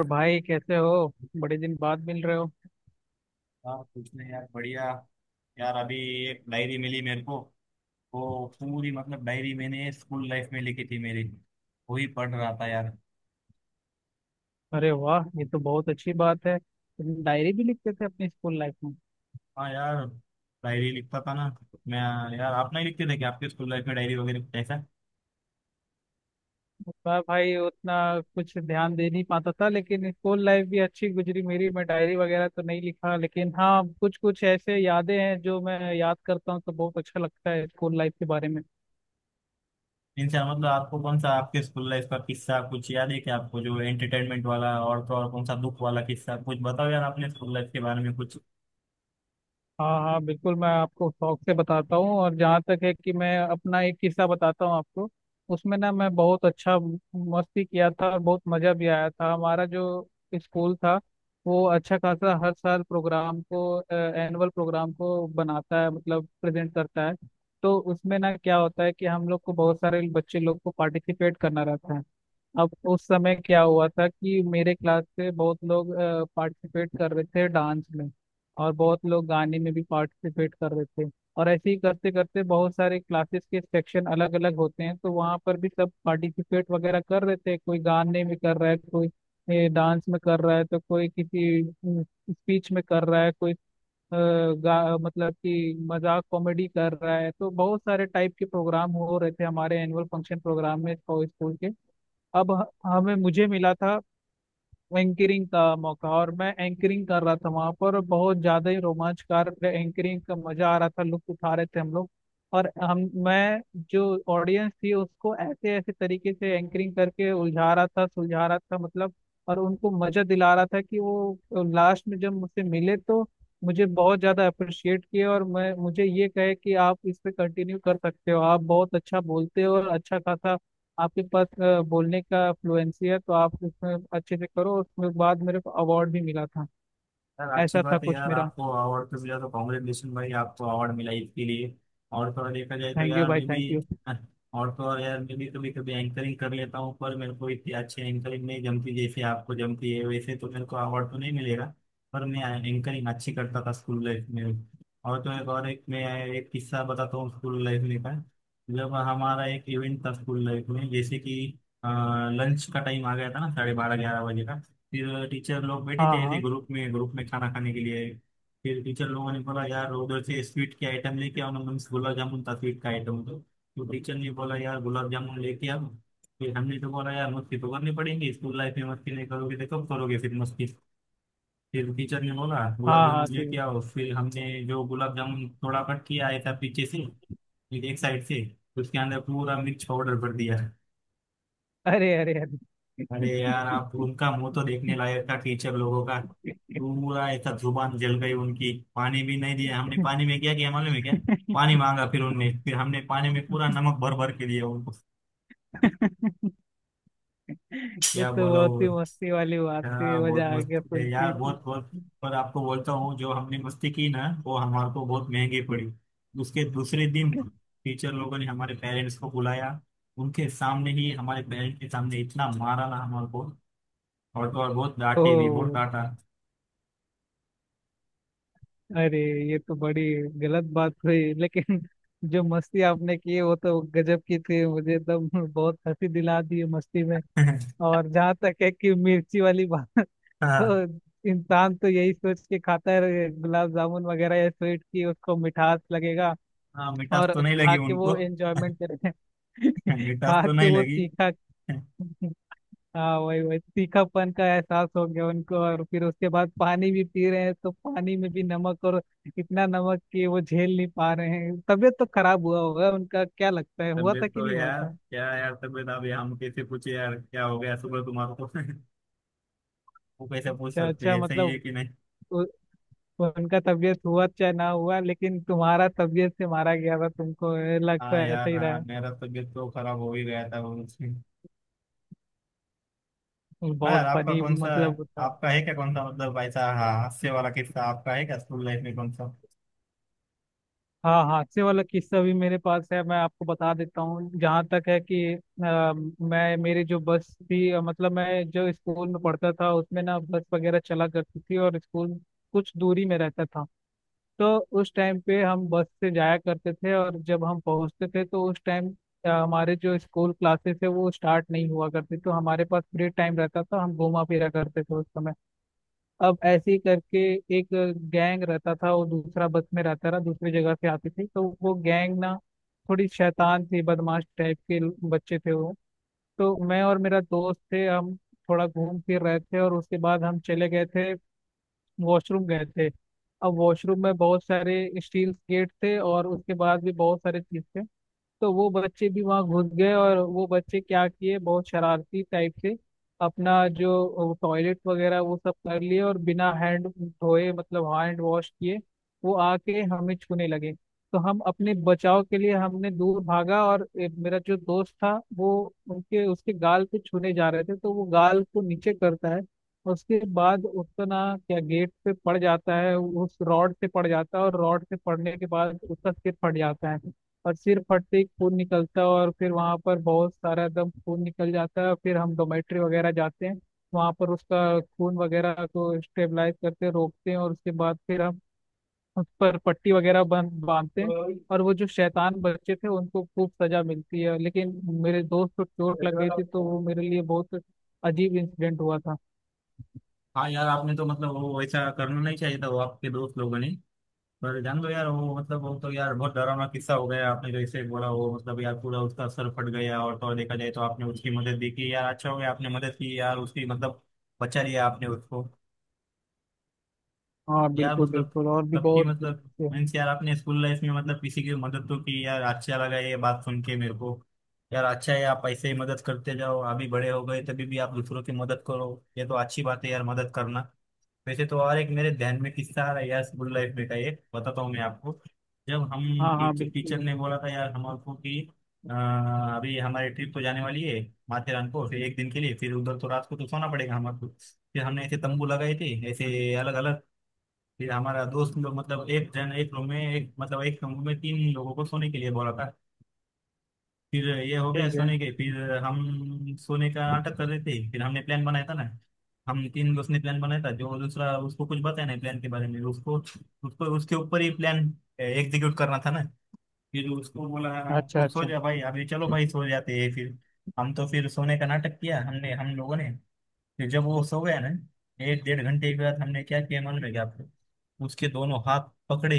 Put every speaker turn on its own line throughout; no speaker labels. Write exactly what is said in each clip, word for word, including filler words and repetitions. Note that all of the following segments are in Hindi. और भाई कैसे हो। बड़े दिन बाद मिल रहे हो।
हाँ कुछ नहीं यार बढ़िया। यार अभी एक डायरी मिली मेरे को। वो पूरी मतलब डायरी मैंने स्कूल लाइफ में लिखी थी मेरी। वही पढ़ रहा था यार।
अरे वाह, ये तो बहुत अच्छी बात है। तुम डायरी भी लिखते थे अपनी स्कूल लाइफ में।
हाँ यार, डायरी लिखता था ना मैं। यार आप नहीं लिखते थे क्या आपके स्कूल लाइफ में डायरी वगैरह ऐसा?
मैं भाई उतना कुछ ध्यान दे नहीं पाता था, लेकिन स्कूल लाइफ भी अच्छी गुजरी मेरी। मैं डायरी वगैरह तो नहीं लिखा, लेकिन हाँ कुछ कुछ ऐसे यादें हैं जो मैं याद करता हूँ तो बहुत अच्छा लगता है स्कूल लाइफ के बारे में।
इनसे मतलब आपको कौन सा आपके स्कूल लाइफ का किस्सा कुछ याद है क्या आपको, जो एंटरटेनमेंट वाला, और तो और कौन सा दुख वाला किस्सा कुछ बताओ यार अपने स्कूल लाइफ के बारे में कुछ।
हाँ हाँ बिल्कुल, मैं आपको शौक से बताता हूँ। और जहाँ तक है कि मैं अपना एक किस्सा बताता हूँ आपको। उसमें ना मैं बहुत अच्छा मस्ती किया था और बहुत मज़ा भी आया था। हमारा जो स्कूल था वो अच्छा खासा हर साल प्रोग्राम को एनुअल प्रोग्राम को बनाता है, मतलब प्रेजेंट करता है। तो उसमें ना क्या होता है कि हम लोग को, बहुत सारे बच्चे लोग को पार्टिसिपेट करना रहता है। अब उस समय क्या हुआ था कि मेरे क्लास से बहुत लोग पार्टिसिपेट कर रहे थे डांस में, और बहुत लोग गाने में भी पार्टिसिपेट कर रहे थे। और ऐसे ही करते करते बहुत सारे क्लासेस के सेक्शन अलग अलग होते हैं तो वहाँ पर भी सब पार्टिसिपेट वगैरह कर रहे थे। कोई गाने में कर रहा है, कोई डांस में कर रहा है, तो कोई किसी स्पीच में कर रहा है, कोई अ, गा, मतलब कि मजाक कॉमेडी कर रहा है। तो बहुत सारे टाइप के प्रोग्राम हो रहे थे हमारे एनुअल फंक्शन प्रोग्राम में स्कूल के। अब हमें मुझे मिला था एंकरिंग का मौका, और मैं एंकरिंग कर रहा था वहां पर, और बहुत ज्यादा ही रोमांचकार एंकरिंग का मजा आ रहा था, लुत्फ उठा रहे थे हम लोग। और हम मैं जो ऑडियंस थी उसको ऐसे ऐसे तरीके से एंकरिंग करके उलझा रहा था सुलझा रहा था, मतलब। और उनको मजा दिला रहा था कि वो लास्ट में जब मुझसे मिले तो मुझे बहुत ज्यादा अप्रिशिएट किए। और मैं मुझे ये कहे कि आप इस पे कंटिन्यू कर सकते हो, आप बहुत अच्छा बोलते हो और अच्छा खासा आपके पास अ, बोलने का फ्लुएंसी है, तो आप उसमें अच्छे से करो। उसमें बाद मेरे को अवार्ड भी मिला था।
यार अच्छी
ऐसा था
बात है
कुछ
यार,
मेरा।
आपको अवार्ड तो मिला तो कॉन्ग्रेचुलेशन भाई, आपको अवार्ड मिला इसके लिए। और थोड़ा देखा जाए तो
थैंक यू
यार
भाई,
मैं भी...
थैंक यू।
हाँ, और तो और यार मैं भी कभी कभी एंकरिंग कर लेता हूँ, पर मेरे को इतनी अच्छी एंकरिंग नहीं जमती जैसे आपको जमती है, वैसे तो मेरे को अवार्ड तो नहीं मिलेगा। पर मैं एंकरिंग अच्छी करता था स्कूल लाइफ में। और तो एक और एक मैं एक किस्सा बताता हूँ स्कूल लाइफ में का। जब हमारा एक इवेंट था स्कूल लाइफ में, जैसे कि लंच का टाइम आ गया था ना, साढ़े बारह ग्यारह बजे का। फिर टीचर लोग बैठे
हाँ
थे ऐसे
हाँ।
ग्रुप में ग्रुप में खाना खाने के लिए। फिर टीचर लोगों ने बोला यार उधर से स्वीट के आइटम लेके आओ ना, मीन्स गुलाब जामुन था स्वीट का आइटम, तो तो टीचर ने बोला यार गुलाब जामुन लेके आओ। फिर हमने तो बोला यार मस्ती तो करनी पड़ेगी, स्कूल लाइफ में मस्ती नहीं करोगे तो कब करोगे? फिर मस्ती... फिर टीचर ने बोला गुलाब
हाँ
जामुन
हाँ। तो
लेके आओ। फिर हमने जो गुलाब जामुन थोड़ा कट किया आया था पीछे से, फिर एक साइड से उसके अंदर पूरा मिर्च पाउडर भर दिया।
अरे अरे अरे!
अरे यार, आप उनका मुंह तो देखने लायक था टीचर लोगों का। पूरा ऐसा जुबान जल गई उनकी, पानी भी नहीं दिया हमने। पानी में क्या किया मालूम है क्या? पानी मांगा फिर उनने, फिर हमने पानी में पूरा नमक भर भर के दिया उनको।
ये
क्या
तो
बोला
बहुत
वो?
ही मस्ती वाली बात थी,
हाँ बहुत
मजा आ
मस्त
गया
है
सुन
यार,
के।
बहुत बहुत। पर आपको बोलता हूँ जो हमने मस्ती की ना वो हमारे को बहुत महंगी पड़ी। उसके दूसरे दिन टीचर लोगों ने हमारे पेरेंट्स को बुलाया। उनके सामने ही, हमारे पेरेंट्स के सामने, इतना मारा ना हमारे को, और तो और बहुत डांटे भी, बहुत
ओ,
डांटा।
अरे! ये तो बड़ी गलत बात हुई, लेकिन जो मस्ती आपने की है, वो तो गजब की थी। मुझे एकदम बहुत हंसी दिला दी है मस्ती में। और जहाँ तक है कि मिर्ची वाली बात
हाँ।
तो इंसान तो यही सोच के खाता है गुलाब जामुन वगैरह या स्वीट की उसको मिठास लगेगा।
हाँ, मिठास
और
तो नहीं लगी
खा के
उनको।
वो एंजॉयमेंट करे
मिठास
खा
तो
के
नहीं
वो
लगी।
तीखा। हाँ, वही वही तीखापन का एहसास हो गया उनको। और फिर उसके बाद पानी भी पी रहे हैं तो पानी में भी नमक, और इतना नमक कि वो झेल नहीं पा रहे हैं। तबीयत तो खराब हुआ होगा उनका, क्या लगता है? हुआ
तबीयत
था कि
तो
नहीं हुआ
यार...
था?
क्या यार, तबीयत अब हम कैसे पूछे यार, क्या हो गया सुबह तुम्हारे को? वो कैसे पूछ
अच्छा
सकते
अच्छा,
हैं, सही
मतलब
है कि नहीं?
उनका तबीयत हुआ चाहे ना हुआ, लेकिन तुम्हारा तबीयत से मारा गया था तुमको, ये लगता
हाँ
है। ऐसा
यार,
ही
हाँ
रहा।
मेरा तबीयत तो खराब हो ही गया था वो उसमें।
है
हाँ
बहुत
यार, आपका
फनी,
कौन सा है?
मतलब वो था।
आपका है क्या कौन सा, मतलब ऐसा हाँ हास्य वाला किस्सा आपका है क्या स्कूल लाइफ में? कौन सा?
हाँ हादसे वाला किस्सा भी मेरे पास है, मैं आपको बता देता हूँ। जहाँ तक है कि अ, मैं मेरी जो बस थी, अ, मतलब मैं जो स्कूल में पढ़ता था उसमें ना बस वगैरह चला करती थी, और स्कूल कुछ दूरी में रहता था। तो उस टाइम पे हम बस से जाया करते थे, और जब हम पहुंचते थे तो उस टाइम हमारे जो स्कूल क्लासेस है वो स्टार्ट नहीं हुआ करती, तो हमारे पास फ्री टाइम रहता था, हम घूमा फिरा करते थे उस समय। अब ऐसे ही करके एक गैंग रहता था, वो दूसरा बस में रहता था, दूसरी जगह से आती थी, तो वो गैंग ना थोड़ी शैतान थी, बदमाश टाइप के बच्चे थे वो। तो मैं और मेरा दोस्त थे, हम थोड़ा घूम फिर रहे थे, और उसके बाद हम चले गए थे, वॉशरूम गए थे। अब वॉशरूम में बहुत सारे स्टील गेट थे, और उसके बाद भी बहुत सारे चीज थे। तो वो बच्चे भी वहाँ घुस गए, और वो बच्चे क्या किए, बहुत शरारती टाइप से अपना जो टॉयलेट वगैरह वो सब कर लिए और बिना हैंड धोए, मतलब हैंड वॉश किए, वो आके हमें छूने लगे। तो हम अपने बचाव के लिए हमने दूर भागा, और ए, मेरा जो दोस्त था वो उनके उसके गाल पे छूने जा रहे थे तो वो गाल को नीचे करता है। उसके बाद उसका ना क्या गेट पे पड़ जाता है, उस रॉड से पड़ जाता है, और रॉड से पड़ने के बाद उसका सिर फट जाता है। और सिर फट से ही खून निकलता है, और फिर वहां पर बहुत सारा एकदम खून निकल जाता है। और फिर हम डोमेट्री वगैरह जाते हैं, वहां पर उसका खून वगैरह को स्टेबलाइज करते हैं, रोकते हैं, और उसके बाद फिर हम उस पर पट्टी वगैरह बन बांधते हैं। और वो जो शैतान बच्चे थे उनको खूब सजा मिलती है, लेकिन मेरे दोस्त को चोट लग गई थी, तो वो मेरे लिए बहुत अजीब इंसिडेंट हुआ था।
हाँ यार, आपने तो मतलब वो ऐसा करना नहीं चाहिए था, वो आपके दोस्त लोगों ने। पर जान लो यार वो, मतलब वो तो यार बहुत डरावना किस्सा हो गया, आपने जैसे बोला वो, मतलब यार पूरा उसका सर फट गया, और तो और देखा जाए तो आपने उसकी मदद भी की यार, अच्छा हो गया आपने मदद की यार उसकी मतलब, बचा लिया आपने उसको।
हाँ
यार
बिल्कुल
मतलब
बिल्कुल, और भी
सबकी
बहुत से
मतलब
हैं।
मीन्स यार आपने स्कूल लाइफ में मतलब किसी की मदद तो की यार, अच्छा लगा ये बात सुन के मेरे को। यार अच्छा है, आप ऐसे ही मदद करते जाओ, अभी बड़े हो गए तभी भी आप दूसरों की मदद करो। ये तो अच्छी बात है यार, मदद करना। वैसे तो और एक मेरे ध्यान में किस्सा आ रहा है यार स्कूल लाइफ में का, एक बताता हूँ मैं आपको। जब हम
हाँ हाँ
टीचर टीचर
बिल्कुल।
ने बोला था यार हमको कि अ, अभी हमारी ट्रिप तो जाने वाली है माथेरान को, फिर एक दिन के लिए, फिर उधर तो रात को तो सोना पड़ेगा हमारे को। फिर हमने ऐसे तंबू लगाए थे ऐसे अलग अलग। फिर हमारा दोस्त लोग मतलब एक जन, एक रूम में एक मतलब एक कमरे में तीन लोगों को सोने के लिए बोला था। फिर ये हो गया
ठीक है।
सोने के, फिर हम सोने का नाटक कर रहे थे, फिर हमने प्लान बनाया था ना। हम तीन दोस्त ने प्लान बनाया था, जो दूसरा उसको कुछ बताया नहीं प्लान के बारे में, उसको उसको उसके ऊपर ही प्लान एग्जीक्यूट करना था ना। फिर उसको बोला
अच्छा
तू सो
अच्छा।
जा भाई, अभी चलो भाई सो जाते हैं। फिर हम तो फिर सोने का नाटक किया हमने हम लोगों ने। फिर जब वो सो गया ना, एक डेढ़ घंटे के बाद हमने क्या किया मालूम है क्या आपको? उसके दोनों हाथ पकड़े,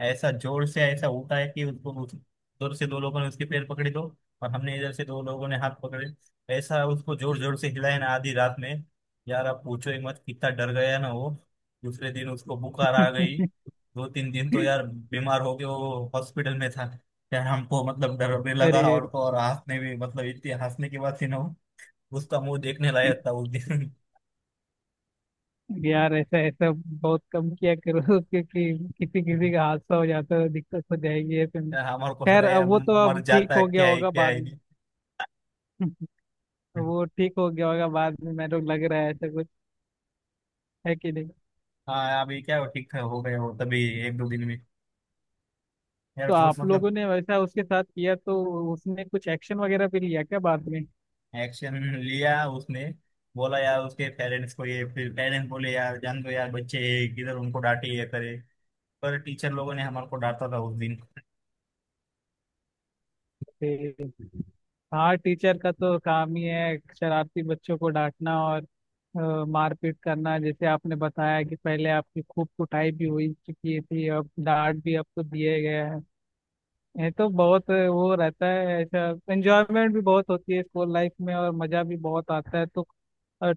ऐसा जोर से ऐसा उठाया कि उसको उस जोर से। दो लोगों ने उसके पैर पकड़े, दो और हमने इधर से, दो लोगों ने हाथ पकड़े। ऐसा उसको जोर जोर से हिलाया ना आधी रात में। यार आप पूछो ही मत कितना डर गया ना वो। दूसरे दिन उसको बुखार आ गई। दो तीन दिन तो यार बीमार हो के वो हॉस्पिटल में था। यार हमको मतलब डर भी
अरे
लगा,
अरे।
और तो और हंसने भी मतलब इतनी हंसने के बाद थी ना वो, उसका मुंह देखने लायक था उस दिन।
यार ऐसा ऐसा बहुत कम किया करो क्योंकि किसी किसी का हादसा हो जाता है, दिक्कत हो जाएगी ऐसे में।
यार हमारे को
खैर,
लगा यार
अब वो तो
मर
अब ठीक
जाता है
हो गया
क्या, है
होगा
क्या,
बाद
है
में।
नहीं।
वो ठीक हो गया होगा बाद में, मेरे को लग रहा है ऐसा कुछ। है कि नहीं?
हाँ अभी क्या हो, ठीक हो गए हो तभी एक दो दिन में। यार
तो
बहुत
आप लोगों
मतलब
ने वैसा उसके साथ किया, तो उसने कुछ एक्शन वगैरह भी लिया क्या बाद में?
एक्शन लिया उसने, बोला यार उसके पेरेंट्स को ये, फिर पेरेंट्स बोले यार जान दो यार बच्चे हैं, किधर उनको डांटे ये करे। पर टीचर लोगों ने हमारे को डांटा था उस दिन।
ठीक। हाँ, टीचर का तो काम ही है शरारती बच्चों को डांटना और अ, मारपीट करना। जैसे आपने बताया कि पहले आपकी खूब कुटाई भी हुई चुकी थी, अब डांट भी आपको दिए गया है। ये तो बहुत वो रहता है ऐसा, एंजॉयमेंट भी बहुत होती है स्कूल लाइफ में और मज़ा भी बहुत आता है। तो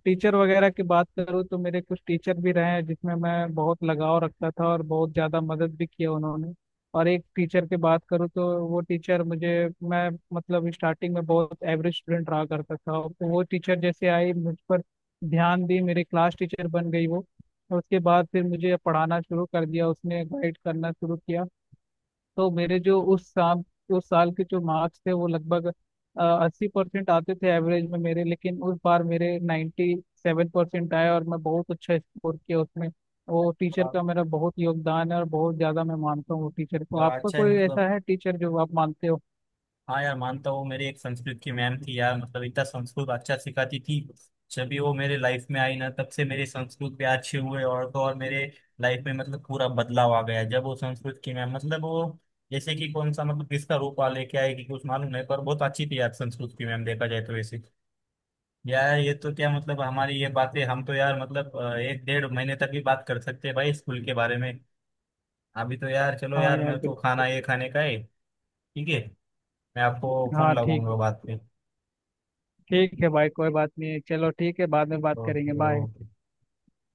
टीचर वगैरह की बात करूँ तो मेरे कुछ टीचर भी रहे हैं जिसमें मैं बहुत लगाव रखता था, और बहुत ज़्यादा मदद भी किया उन्होंने। और एक टीचर की बात करूँ तो वो टीचर मुझे, मैं मतलब स्टार्टिंग में बहुत एवरेज स्टूडेंट रहा करता था, तो वो टीचर जैसे आई मुझ पर ध्यान दी, मेरी क्लास टीचर बन गई वो, और उसके बाद फिर मुझे पढ़ाना शुरू कर दिया उसने, गाइड करना शुरू किया। तो मेरे जो उस साल उस साल के जो मार्क्स थे वो लगभग अस्सी परसेंट आते थे एवरेज में मेरे, लेकिन उस बार मेरे नाइन्टी सेवन परसेंट आए और मैं बहुत अच्छा स्कोर किया उसमें। वो टीचर
हाँ,
का मेरा बहुत योगदान है, और बहुत ज़्यादा मैं मानता हूँ वो टीचर को।
यार
आपका
अच्छा है
कोई
मतलब।
ऐसा है टीचर जो आप मानते हो?
हाँ यार मानता हूँ, मेरी एक संस्कृत की मैम थी यार, मतलब इतना संस्कृत अच्छा सिखाती थी। जब भी वो मेरे लाइफ में आई ना, तब से मेरे संस्कृत पे अच्छे हुए, और तो और मेरे लाइफ में मतलब पूरा बदलाव आ गया जब वो संस्कृत की मैम, मतलब वो जैसे कि कौन सा मतलब किसका रूप आ लेके आएगी कुछ मालूम नहीं, पर बहुत अच्छी थी यार संस्कृत की मैम देखा जाए तो वैसे। यार ये तो क्या मतलब हमारी ये बातें, हम तो यार मतलब अ, एक डेढ़ महीने तक भी बात कर सकते हैं भाई स्कूल के बारे में। अभी तो यार चलो,
हाँ
यार
यार
मेरे को खाना
बिल्कुल।
ये खाने का है। ठीक है, मैं आपको फोन
हाँ ठीक।
लगाऊंगा बाद में।
ठीक है भाई, कोई बात नहीं है, चलो ठीक है, बाद में बात
कर
करेंगे।
दो।
बाय।